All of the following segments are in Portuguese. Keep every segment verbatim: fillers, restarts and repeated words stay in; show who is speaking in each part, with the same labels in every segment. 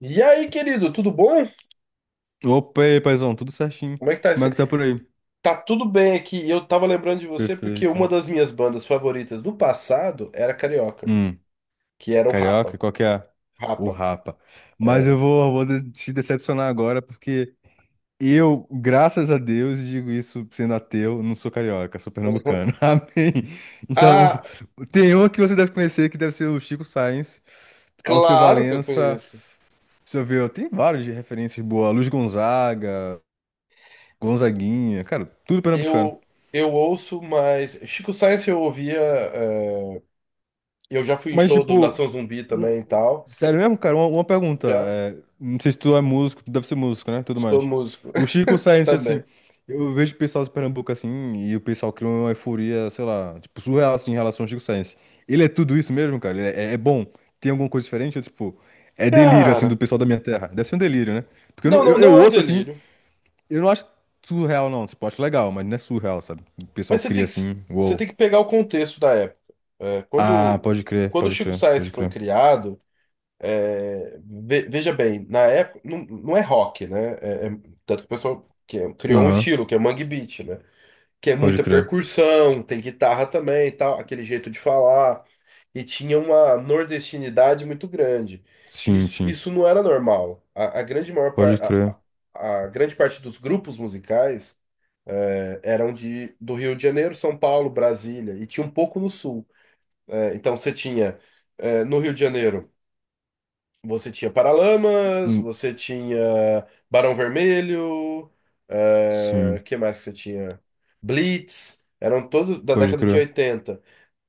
Speaker 1: E aí, querido, tudo bom?
Speaker 2: Opa, e aí, paizão, tudo certinho.
Speaker 1: Como é que tá
Speaker 2: Como é
Speaker 1: esse...
Speaker 2: que tá por aí?
Speaker 1: Tá tudo bem aqui. Eu tava lembrando de você porque uma
Speaker 2: Perfeito.
Speaker 1: das minhas bandas favoritas do passado era carioca,
Speaker 2: Hum,
Speaker 1: que era o
Speaker 2: carioca,
Speaker 1: Rapa.
Speaker 2: qual que é? O
Speaker 1: Rapa,
Speaker 2: Rapa. Mas eu
Speaker 1: é.
Speaker 2: vou, vou de- te decepcionar agora, porque eu, graças a Deus, e digo isso sendo ateu, não sou carioca, sou
Speaker 1: Uhum.
Speaker 2: pernambucano. Amém. Então,
Speaker 1: Ah,
Speaker 2: tem um que você deve conhecer, que deve ser o Chico Sainz, Alceu
Speaker 1: claro que eu
Speaker 2: Valença,
Speaker 1: conheço.
Speaker 2: deixa eu ver, tem vários de referências boas, Luiz Gonzaga, Gonzaguinha, cara, tudo pernambucano.
Speaker 1: Eu eu ouço, mas Chico Science eu ouvia, é, eu já fui em
Speaker 2: Mas,
Speaker 1: show do
Speaker 2: tipo,
Speaker 1: Nação Zumbi também e
Speaker 2: um-
Speaker 1: tal.
Speaker 2: sério mesmo, cara? Uma, uma pergunta.
Speaker 1: Já
Speaker 2: É, não sei se tu é músico, tu deve ser músico, né? Tudo
Speaker 1: sou
Speaker 2: mais.
Speaker 1: músico
Speaker 2: O Chico Science, assim,
Speaker 1: também.
Speaker 2: eu vejo o pessoal de Pernambuco assim, e o pessoal cria uma euforia, sei lá, tipo, surreal assim, em relação ao Chico Science. Ele é tudo isso mesmo, cara? Ele é, é bom? Tem alguma coisa diferente? Ou, tipo, é delírio, assim, do
Speaker 1: Cara,
Speaker 2: pessoal da minha terra? Deve ser um delírio, né? Porque eu,
Speaker 1: não,
Speaker 2: não-
Speaker 1: não,
Speaker 2: eu,
Speaker 1: não
Speaker 2: eu
Speaker 1: é um
Speaker 2: ouço assim,
Speaker 1: delírio.
Speaker 2: eu não acho surreal, não. Tipo, eu acho legal, mas não é surreal, sabe? O pessoal
Speaker 1: Mas você
Speaker 2: cria
Speaker 1: tem que,
Speaker 2: assim,
Speaker 1: você
Speaker 2: uou.
Speaker 1: tem que pegar o contexto da época. É,
Speaker 2: Ah,
Speaker 1: quando,
Speaker 2: pode crer,
Speaker 1: quando o
Speaker 2: pode
Speaker 1: Chico
Speaker 2: crer,
Speaker 1: Sainz
Speaker 2: pode
Speaker 1: foi
Speaker 2: crer.
Speaker 1: criado, é, ve- veja bem, na época, não, não é rock, né? É- é- tanto que o pessoal que- é- criou um
Speaker 2: Aham.
Speaker 1: estilo, que é Mangue Beat, né? Que é
Speaker 2: Pode
Speaker 1: muita
Speaker 2: crer.
Speaker 1: percussão, tem guitarra também, e tal, aquele jeito de falar. E tinha uma nordestinidade muito grande.
Speaker 2: Sim,
Speaker 1: Isso,
Speaker 2: sim.
Speaker 1: isso não era normal. A, a grande maior par,
Speaker 2: Pode
Speaker 1: a,
Speaker 2: crer.
Speaker 1: a a grande parte dos grupos musicais eh, eram de, do Rio de Janeiro, São Paulo, Brasília, e tinha um pouco no sul. Eh, então você tinha, eh, no Rio de Janeiro, você tinha Paralamas,
Speaker 2: Hum.
Speaker 1: você tinha Barão Vermelho, eh,
Speaker 2: Sim.
Speaker 1: que mais que você tinha? Blitz, eram todos da
Speaker 2: Pode
Speaker 1: década de
Speaker 2: crer.
Speaker 1: oitenta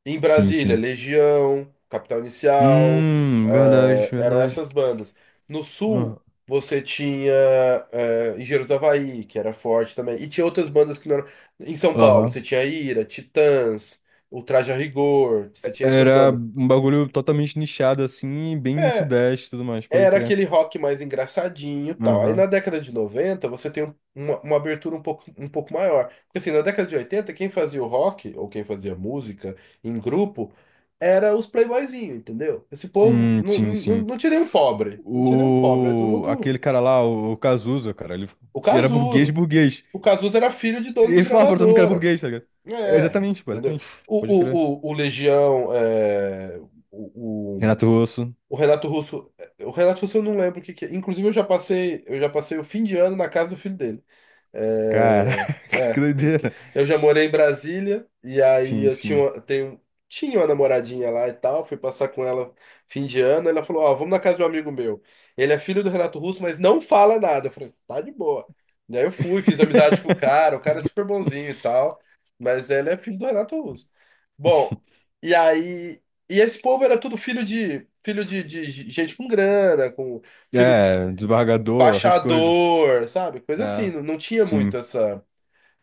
Speaker 1: em
Speaker 2: Sim,
Speaker 1: Brasília,
Speaker 2: sim.
Speaker 1: Legião, Capital Inicial,
Speaker 2: Hum, verdade,
Speaker 1: eh, eram
Speaker 2: verdade.
Speaker 1: essas bandas. No
Speaker 2: Ah,
Speaker 1: sul, você tinha eh, Engenheiros do Havaí, que era forte também. E tinha outras bandas que não eram. Em São Paulo,
Speaker 2: aham.
Speaker 1: você tinha Ira, Titãs, o Traje a Rigor, você tinha essas
Speaker 2: Era
Speaker 1: bandas.
Speaker 2: um bagulho totalmente nichado, assim, bem sudeste e tudo mais, pode
Speaker 1: Era
Speaker 2: crer.
Speaker 1: aquele rock mais engraçadinho e tal. Aí na
Speaker 2: Aham.
Speaker 1: década de noventa você tem um- uma, uma abertura um pouco, um pouco maior. Porque assim, na década de oitenta quem fazia o rock, ou quem fazia música em grupo, era os playboyzinhos, entendeu? Esse povo,
Speaker 2: Hum,
Speaker 1: não,
Speaker 2: sim,
Speaker 1: não,
Speaker 2: sim.
Speaker 1: não tinha nenhum pobre. Não tinha nenhum pobre, era todo
Speaker 2: O...
Speaker 1: mundo...
Speaker 2: Aquele cara lá, o o Cazuza, cara, ele
Speaker 1: O
Speaker 2: era burguês,
Speaker 1: Cazuza.
Speaker 2: burguês.
Speaker 1: O Cazuza era filho de dono de
Speaker 2: Ele falava pra todo mundo que era
Speaker 1: gravadora.
Speaker 2: burguês, tá ligado? É,
Speaker 1: É,
Speaker 2: exatamente, pô,
Speaker 1: entendeu?
Speaker 2: exatamente.
Speaker 1: O,
Speaker 2: Pode crer.
Speaker 1: o, o, o Legião, é, o,
Speaker 2: Renato Russo.
Speaker 1: o Renato Russo, é, o Renato Russo eu não lembro o que que é. Inclusive eu já passei, eu já passei o fim de ano na casa do filho dele. É,
Speaker 2: Caraca, que
Speaker 1: é,
Speaker 2: doideira.
Speaker 1: eu já morei em Brasília e aí
Speaker 2: Sim,
Speaker 1: eu tinha
Speaker 2: sim.
Speaker 1: uma, tenho, tinha uma namoradinha lá e tal, fui passar com ela fim de ano, ela falou, ó, vamos na casa de um amigo meu. Ele é filho do Renato Russo, mas não fala nada. Eu falei, tá de boa. E aí eu fui, fiz amizade com o cara, o cara é super bonzinho e tal, mas ele é filho do Renato Russo. Bom, e aí, e esse povo era tudo filho de filho de, de gente com grana, com filho
Speaker 2: É, desembargador, essas coisas.
Speaker 1: baixador, sabe? Coisa assim,
Speaker 2: É,
Speaker 1: não, não tinha muito
Speaker 2: sim.
Speaker 1: essa.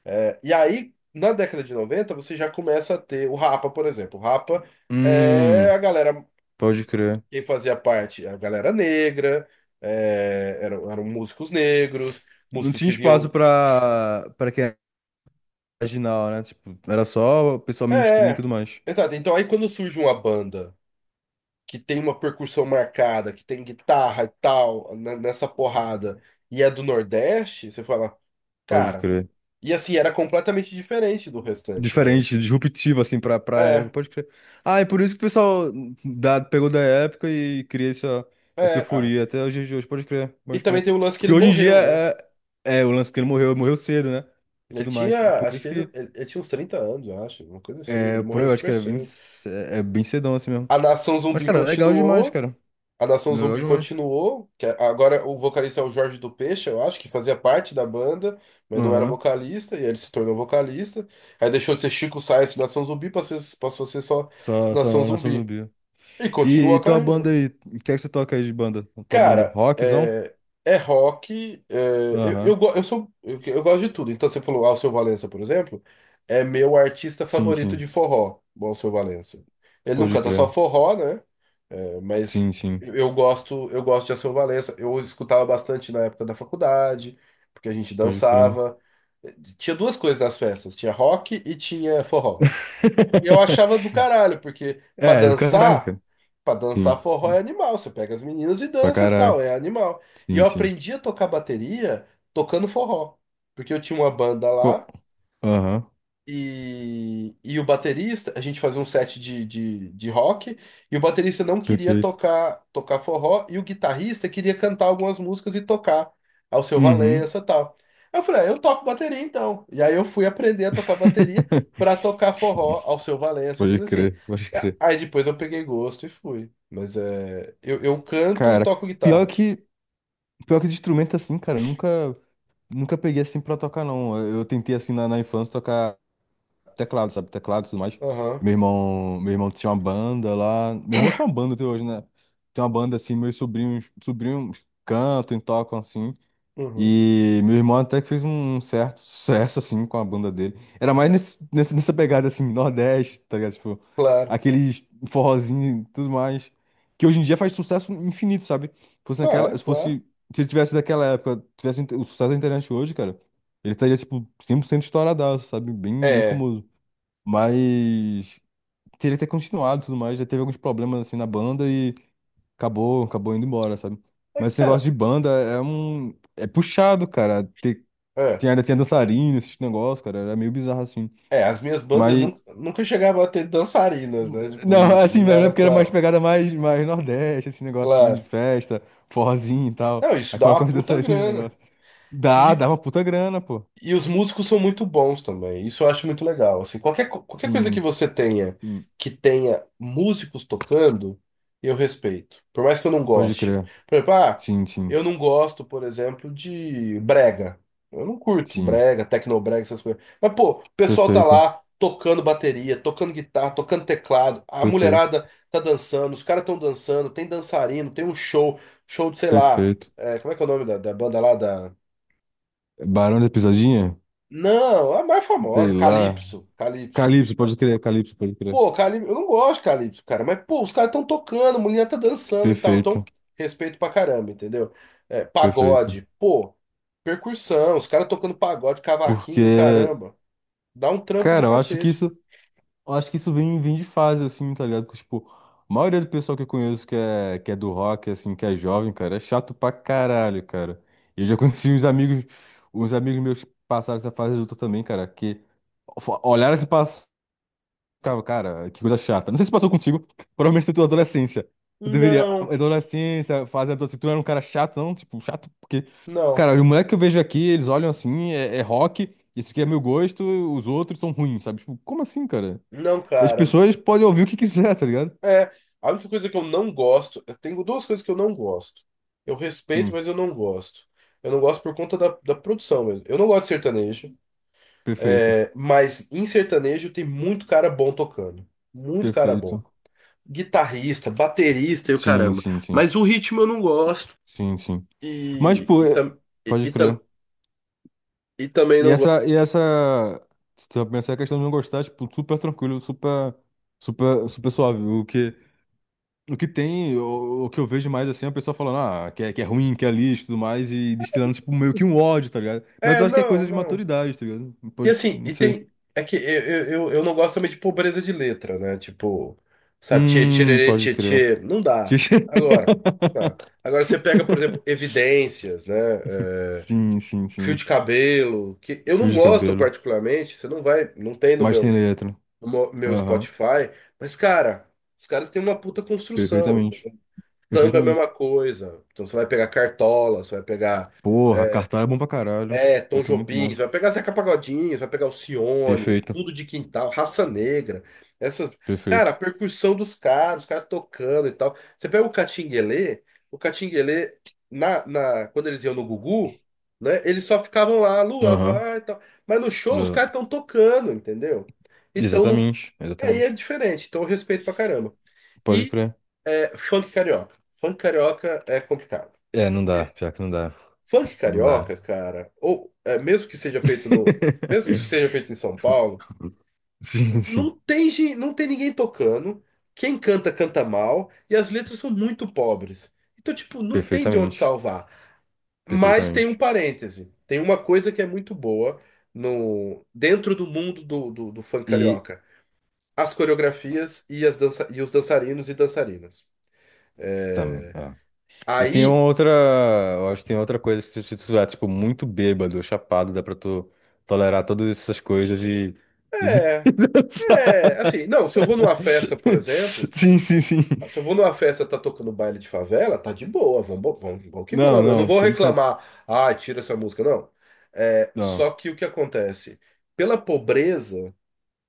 Speaker 1: é, E aí, na década de noventa você já começa a ter o Rapa, por exemplo. O Rapa é
Speaker 2: Hum,
Speaker 1: a galera,
Speaker 2: pode crer.
Speaker 1: quem fazia parte, a galera negra, é, eram, eram músicos negros,
Speaker 2: Não
Speaker 1: músicos
Speaker 2: tinha
Speaker 1: que
Speaker 2: espaço
Speaker 1: vinham.
Speaker 2: pra, pra quem era marginal, né? Tipo, era só o pessoal mainstream e
Speaker 1: É,
Speaker 2: tudo mais.
Speaker 1: exato. Então aí quando surge uma banda que tem uma percussão marcada, que tem guitarra e tal, n- nessa porrada, e é do Nordeste, você fala,
Speaker 2: Pode
Speaker 1: cara.
Speaker 2: crer.
Speaker 1: E assim, era completamente diferente do restante, né?
Speaker 2: Diferente, disruptivo, assim, pra, pra época.
Speaker 1: É,
Speaker 2: Pode crer. Ah, é por isso que o pessoal da, pegou da época e cria essa, essa
Speaker 1: é. ah.
Speaker 2: euforia até os dias de hoje. Pode crer,
Speaker 1: E
Speaker 2: pode
Speaker 1: também
Speaker 2: crer.
Speaker 1: tem o lance que
Speaker 2: Porque
Speaker 1: ele
Speaker 2: hoje em dia
Speaker 1: morreu, né?
Speaker 2: é, é o lance que ele morreu, morreu cedo, né? E
Speaker 1: Ele
Speaker 2: tudo mais.
Speaker 1: tinha,
Speaker 2: Por
Speaker 1: acho
Speaker 2: isso
Speaker 1: que ele,
Speaker 2: que.
Speaker 1: ele, ele tinha uns trinta anos, eu acho, uma coisa assim. Ele
Speaker 2: É, por
Speaker 1: morreu
Speaker 2: aí, eu acho que
Speaker 1: super
Speaker 2: era vinte.
Speaker 1: cedo.
Speaker 2: É, é bem cedão assim mesmo.
Speaker 1: A Nação
Speaker 2: Mas,
Speaker 1: Zumbi
Speaker 2: cara, legal demais,
Speaker 1: continuou,
Speaker 2: cara.
Speaker 1: a Nação
Speaker 2: Legal
Speaker 1: Zumbi
Speaker 2: demais.
Speaker 1: continuou, que é, agora o vocalista é o Jorge do Peixe, eu acho, que fazia parte da banda, mas não era
Speaker 2: Aham.
Speaker 1: vocalista, e aí ele se tornou vocalista. Aí deixou de ser Chico Science Nação Zumbi, passou, passou a ser só
Speaker 2: Só,
Speaker 1: Nação
Speaker 2: só nação
Speaker 1: Zumbi.
Speaker 2: zumbi.
Speaker 1: E
Speaker 2: E,
Speaker 1: continuou
Speaker 2: e
Speaker 1: a
Speaker 2: tua
Speaker 1: carreira.
Speaker 2: banda aí? O que é que você toca aí de banda? Tua banda?
Speaker 1: Cara,
Speaker 2: Rockzão?
Speaker 1: é, é rock. É, eu,
Speaker 2: Aham.
Speaker 1: eu, go- eu sou, eu, eu gosto de tudo. Então, você falou Alceu Valença, por exemplo, é meu artista
Speaker 2: Sim,
Speaker 1: favorito
Speaker 2: sim.
Speaker 1: de forró, o Alceu Valença. Ele não
Speaker 2: Pode
Speaker 1: canta só
Speaker 2: crer.
Speaker 1: forró, né? É, mas
Speaker 2: Sim, sim.
Speaker 1: eu gosto, eu gosto de Alceu Valença. Eu escutava bastante na época da faculdade, porque a gente
Speaker 2: Pode crer.
Speaker 1: dançava. Tinha duas coisas nas festas: tinha rock e tinha forró. E eu achava do caralho, porque pra
Speaker 2: É, do caralho,
Speaker 1: dançar,
Speaker 2: cara.
Speaker 1: pra dançar
Speaker 2: Sim.
Speaker 1: forró é animal. Você pega as meninas e
Speaker 2: Pra
Speaker 1: dança tal,
Speaker 2: caralho.
Speaker 1: é animal. E
Speaker 2: Sim,
Speaker 1: eu
Speaker 2: sim.
Speaker 1: aprendi a tocar bateria tocando forró. Porque eu tinha uma banda
Speaker 2: Co-
Speaker 1: lá.
Speaker 2: Aham.
Speaker 1: E, e o baterista, a gente fazia um set de, de, de rock, e o baterista não queria
Speaker 2: Perfeito.
Speaker 1: tocar tocar forró, e o guitarrista queria cantar algumas músicas e tocar ao seu
Speaker 2: Uhum.
Speaker 1: Valença e tal. Aí eu falei, ah, eu toco bateria então. E aí eu fui aprender a tocar bateria pra tocar forró ao seu Valença e
Speaker 2: Pode
Speaker 1: coisa assim.
Speaker 2: crer, pode
Speaker 1: A-
Speaker 2: crer.
Speaker 1: Aí depois eu peguei gosto e fui. Mas é, eu, eu canto e
Speaker 2: Cara,
Speaker 1: toco
Speaker 2: pior
Speaker 1: guitarra.
Speaker 2: que. Pior que esse instrumento assim, cara, eu nunca, nunca peguei assim pra tocar, não. Eu eu tentei assim na, na infância tocar teclado, sabe? Teclado e tudo mais.
Speaker 1: Aham,
Speaker 2: Meu irmão, meu irmão tinha uma banda lá. Meu irmão tem uma banda até hoje, né? Tem uma banda assim, meus sobrinhos, sobrinhos cantam e tocam assim.
Speaker 1: uhum,
Speaker 2: E meu irmão até que fez um certo sucesso, assim, com a banda dele. Era mais nesse, nesse- nessa pegada, assim, Nordeste, tá ligado? Tipo,
Speaker 1: claro.
Speaker 2: aqueles forrozinho e tudo mais. Que hoje em dia faz sucesso infinito, sabe? Se fosse
Speaker 1: Ah, é,
Speaker 2: naquela, se fosse,
Speaker 1: claro.
Speaker 2: se ele tivesse daquela época, tivesse inte- o sucesso da internet hoje, cara, ele estaria, tipo, cem por cento estouradaço, sabe? Bem, bem
Speaker 1: É,
Speaker 2: famoso. Mas teria que ter continuado e tudo mais. Já teve alguns problemas, assim, na banda acabou, acabou indo embora, sabe?
Speaker 1: é
Speaker 2: Mas
Speaker 1: que,
Speaker 2: esse negócio
Speaker 1: cara.
Speaker 2: de banda é um. É puxado, cara. Tem, tem,
Speaker 1: É
Speaker 2: ainda tinha dançarina, esses negócios, cara. Era meio bizarro assim.
Speaker 1: É, As minhas bandas
Speaker 2: Mas.
Speaker 1: nunca, nunca chegavam a ter dançarinas, né? Tipo,
Speaker 2: Não,
Speaker 1: não
Speaker 2: assim,
Speaker 1: não
Speaker 2: mas é
Speaker 1: era
Speaker 2: porque era mais
Speaker 1: tão.
Speaker 2: pegada mais, mais Nordeste, esse negocinho de
Speaker 1: Claro.
Speaker 2: festa, forrozinho e tal.
Speaker 1: Não, isso
Speaker 2: Aí
Speaker 1: dá
Speaker 2: coloca
Speaker 1: uma
Speaker 2: umas
Speaker 1: puta
Speaker 2: dançarinas no
Speaker 1: grana.
Speaker 2: negócio. Dá,
Speaker 1: E
Speaker 2: dá uma puta grana, pô.
Speaker 1: E os músicos são muito bons também. Isso eu acho muito legal. Assim, qualquer, co- qualquer coisa que
Speaker 2: Sim,
Speaker 1: você tenha,
Speaker 2: sim.
Speaker 1: que tenha músicos tocando, eu respeito. Por mais que eu não
Speaker 2: Pode
Speaker 1: goste.
Speaker 2: crer.
Speaker 1: Por exemplo, ah,
Speaker 2: Sim, sim,
Speaker 1: eu não gosto, por exemplo, de brega. Eu não curto
Speaker 2: sim.
Speaker 1: brega, tecnobrega, essas coisas. Mas, pô, o pessoal tá
Speaker 2: Perfeito,
Speaker 1: lá tocando bateria, tocando guitarra, tocando teclado. A
Speaker 2: perfeito,
Speaker 1: mulherada tá dançando, os caras estão dançando, tem dançarino, tem um show, show de, sei lá,
Speaker 2: perfeito.
Speaker 1: é, como é que é o nome da, da banda lá?
Speaker 2: Barão da Pisadinha?
Speaker 1: Não, a mais famosa,
Speaker 2: Sei lá.
Speaker 1: Calypso, Calypso.
Speaker 2: Calypso, pode crer, Calypso, pode crer.
Speaker 1: Pô, Calypso, eu não gosto de Calypso, cara, mas pô, os caras estão tocando, a mulher tá dançando e tal, então
Speaker 2: Perfeito.
Speaker 1: respeito pra caramba, entendeu? É,
Speaker 2: Perfeito.
Speaker 1: pagode, pô, percussão, os caras tocando pagode, cavaquinho,
Speaker 2: Porque,
Speaker 1: caramba, dá um trampo do
Speaker 2: cara, eu acho que
Speaker 1: cacete.
Speaker 2: isso, eu acho que isso vem, vem de fase, assim, tá ligado? Porque, tipo, a maioria do pessoal que eu conheço que é, que é do rock, assim, que é jovem, cara, é chato pra caralho, cara. Eu já conheci uns amigos, uns amigos meus que passaram essa fase adulta também, cara, que fo- olharam esse cara, cara, que coisa chata. Não sei se passou contigo, provavelmente na tua adolescência. Tu deveria,
Speaker 1: Não,
Speaker 2: adolescência, fase adolescente, tu não era um cara chato, não? Tipo, chato porque...
Speaker 1: não,
Speaker 2: Cara, o moleque que eu vejo aqui, eles olham assim, é, é rock, esse aqui é meu gosto, os outros são ruins, sabe? Tipo, como assim, cara?
Speaker 1: não,
Speaker 2: As
Speaker 1: cara.
Speaker 2: pessoas podem ouvir o que quiser, tá ligado?
Speaker 1: É, a única coisa que eu não gosto, eu tenho duas coisas que eu não gosto. Eu respeito,
Speaker 2: Sim,
Speaker 1: mas eu não gosto. Eu não gosto por conta da, da produção mesmo. Eu não gosto de sertanejo.
Speaker 2: perfeito,
Speaker 1: É, mas em sertanejo tem muito cara bom tocando. Muito cara
Speaker 2: perfeito.
Speaker 1: bom. Guitarrista, baterista e o
Speaker 2: Sim,
Speaker 1: caramba.
Speaker 2: sim, sim,
Speaker 1: Mas o ritmo eu não gosto.
Speaker 2: sim, sim. Mas,
Speaker 1: E,
Speaker 2: tipo,
Speaker 1: e,
Speaker 2: é-
Speaker 1: tam, e,
Speaker 2: pode
Speaker 1: e
Speaker 2: crer.
Speaker 1: tam, e também
Speaker 2: E
Speaker 1: não gosto.
Speaker 2: essa, e essa, se tu pensar a questão de não gostar, tipo, super tranquilo, super, super, super suave, o que... O que tem, o, o que eu vejo mais assim, é a pessoa falando, ah, que é, que é, ruim, que é lixo e tudo mais, e destilando, tipo, meio que um ódio, tá ligado? Mas
Speaker 1: É,
Speaker 2: eu acho que é coisa
Speaker 1: não,
Speaker 2: de
Speaker 1: não.
Speaker 2: maturidade, tá ligado?
Speaker 1: E
Speaker 2: Pode,
Speaker 1: assim,
Speaker 2: não
Speaker 1: e
Speaker 2: sei.
Speaker 1: tem. É que eu, eu, eu eu não gosto também de pobreza de letra, né? Tipo, sabe, tchê,
Speaker 2: Hum,
Speaker 1: tchê,
Speaker 2: pode
Speaker 1: tchê,
Speaker 2: crer.
Speaker 1: tchê. Não dá. Agora, tá. Agora você pega, por exemplo, Evidências, né? É,
Speaker 2: Sim, sim,
Speaker 1: fio de
Speaker 2: sim.
Speaker 1: cabelo, que eu
Speaker 2: Fio
Speaker 1: não
Speaker 2: de
Speaker 1: gosto
Speaker 2: cabelo.
Speaker 1: particularmente, você não vai, não tem no
Speaker 2: Mas tem
Speaker 1: meu.
Speaker 2: letra.
Speaker 1: O mo- meu
Speaker 2: Aham.
Speaker 1: Spotify, mas, cara, os caras têm uma puta construção.
Speaker 2: Perfeitamente.
Speaker 1: Samba é a
Speaker 2: Perfeitamente.
Speaker 1: mesma coisa. Então você vai pegar Cartola, você vai pegar
Speaker 2: Porra,
Speaker 1: é,
Speaker 2: cartão é bom pra caralho.
Speaker 1: é, Tom
Speaker 2: Pior que é muito
Speaker 1: Jobim,
Speaker 2: bom.
Speaker 1: você vai pegar Zeca Pagodinho, você vai pegar Alcione,
Speaker 2: Perfeito.
Speaker 1: Fundo de Quintal, Raça Negra. Essas, cara, a
Speaker 2: Perfeito.
Speaker 1: percussão dos caras, os caras tocando e tal. Você pega o Catinguelê, o Catinguelê, na, na, quando eles iam no Gugu, né, eles só ficavam lá, lua
Speaker 2: Aham.
Speaker 1: vai e tal. Mas no show os
Speaker 2: Le-
Speaker 1: caras estão tocando, entendeu? Então não
Speaker 2: exatamente.
Speaker 1: Aí é
Speaker 2: Exatamente.
Speaker 1: diferente, então eu respeito pra caramba.
Speaker 2: Pode
Speaker 1: E
Speaker 2: crer.
Speaker 1: É, funk carioca. Funk carioca é complicado.
Speaker 2: É, não dá,
Speaker 1: E
Speaker 2: pior que não dá.
Speaker 1: Funk
Speaker 2: Não dá.
Speaker 1: carioca, cara, ou é, mesmo que seja feito no, mesmo que seja feito em São Paulo,
Speaker 2: Sim, sim.
Speaker 1: não tem, gen- não tem ninguém tocando. Quem canta, canta mal, e as letras são muito pobres. Então, tipo, não tem de onde
Speaker 2: Perfeitamente.
Speaker 1: salvar. Mas tem um
Speaker 2: Perfeitamente.
Speaker 1: parêntese. Tem uma coisa que é muito boa no, dentro do mundo do, do do funk
Speaker 2: E.
Speaker 1: carioca. As coreografias e, as dança, e os dançarinos e dançarinas.
Speaker 2: Tam,
Speaker 1: É,
Speaker 2: é. E tem uma
Speaker 1: Aí,
Speaker 2: outra. Eu acho que tem outra coisa que se se tu tiver, tipo, muito bêbado, chapado, dá pra tu tolerar todas essas coisas e. E
Speaker 1: é, é, assim,
Speaker 2: dançar.
Speaker 1: não, se eu vou numa festa, por exemplo,
Speaker 2: Sim, sim, sim.
Speaker 1: se eu vou numa festa tá tocando baile de favela, tá de boa, vamos, vamos, vamos que
Speaker 2: Não,
Speaker 1: vamos. Eu não
Speaker 2: não,
Speaker 1: vou
Speaker 2: cem por cento.
Speaker 1: reclamar, ah, tira essa música, não. É,
Speaker 2: Não,
Speaker 1: só que o que acontece? Pela pobreza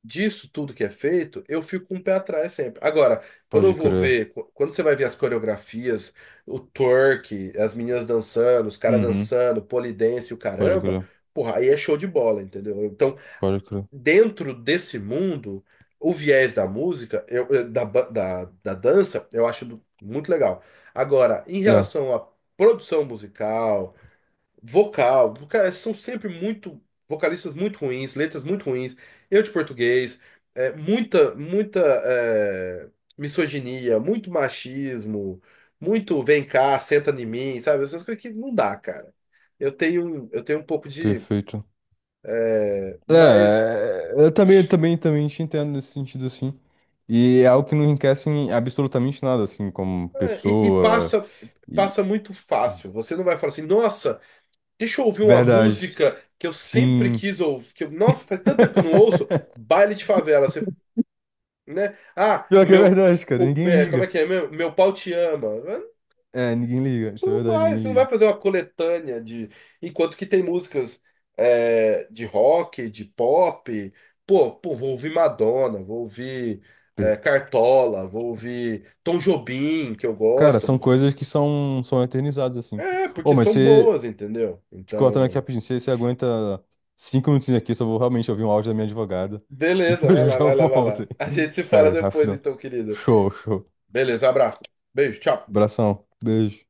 Speaker 1: disso tudo que é feito, eu fico com um pé atrás sempre. Agora, quando eu
Speaker 2: pode
Speaker 1: vou
Speaker 2: crer.
Speaker 1: ver, qu- quando você vai ver as coreografias, o twerk, as meninas dançando, os caras
Speaker 2: Uhum,
Speaker 1: dançando, pole dance, e o
Speaker 2: pode
Speaker 1: caramba,
Speaker 2: crer.
Speaker 1: porra, aí é show de bola, entendeu? Então,
Speaker 2: Pode crer.
Speaker 1: dentro desse mundo, o viés da música, eu, eu- da, ba- da, da dança, eu acho do- muito legal. Agora, em
Speaker 2: É,
Speaker 1: relação à produção musical, vocal, cara, são sempre muito vocalistas muito ruins, letras muito ruins, erro de português, é, muita, muita é, misoginia, muito machismo, muito vem cá, senta em mim, sabe? Essas coisas que não dá, cara. Eu tenho, eu tenho um pouco de.
Speaker 2: perfeito. É,
Speaker 1: Mas
Speaker 2: é, eu também, também, também te entendo nesse sentido, assim. E é algo que não enriquece em absolutamente nada, assim, como
Speaker 1: É, E, e
Speaker 2: pessoa.
Speaker 1: passa
Speaker 2: E...
Speaker 1: passa muito fácil. Você não vai falar assim, nossa, deixa eu ouvir uma
Speaker 2: Verdade.
Speaker 1: música que eu sempre
Speaker 2: Sim.
Speaker 1: quis ouvir, que eu- nossa, faz tanto tempo que eu não ouço, baile de favela, você, né? Ah,
Speaker 2: Pior que é
Speaker 1: meu,
Speaker 2: verdade, cara.
Speaker 1: o-
Speaker 2: Ninguém
Speaker 1: é, como é
Speaker 2: liga.
Speaker 1: que é? Meu, meu pau te ama. É,
Speaker 2: É, ninguém liga.
Speaker 1: Você
Speaker 2: Isso é
Speaker 1: não
Speaker 2: verdade,
Speaker 1: vai,
Speaker 2: ninguém
Speaker 1: você não vai
Speaker 2: liga.
Speaker 1: fazer uma coletânea de, enquanto que tem músicas é, de rock, de pop, pô, pô, vou ouvir Madonna, vou ouvir é, Cartola, vou ouvir Tom Jobim, que eu
Speaker 2: Cara,
Speaker 1: gosto.
Speaker 2: são coisas que são, são eternizadas, assim.
Speaker 1: É,
Speaker 2: Ô,
Speaker 1: porque
Speaker 2: mas
Speaker 1: são
Speaker 2: você,
Speaker 1: boas, entendeu?
Speaker 2: te cortando aqui
Speaker 1: Então,
Speaker 2: rapidinho, você, você aguenta cinco minutinhos aqui, só vou realmente ouvir um áudio da minha advogada. E
Speaker 1: beleza,
Speaker 2: eu
Speaker 1: vai
Speaker 2: já
Speaker 1: lá,
Speaker 2: já
Speaker 1: vai lá, vai
Speaker 2: volto.
Speaker 1: lá.
Speaker 2: Aí.
Speaker 1: A gente se fala
Speaker 2: Sério,
Speaker 1: depois,
Speaker 2: rapidão.
Speaker 1: então, querido.
Speaker 2: Show, show.
Speaker 1: Beleza, um abraço. Beijo, tchau.
Speaker 2: Abração. Beijo.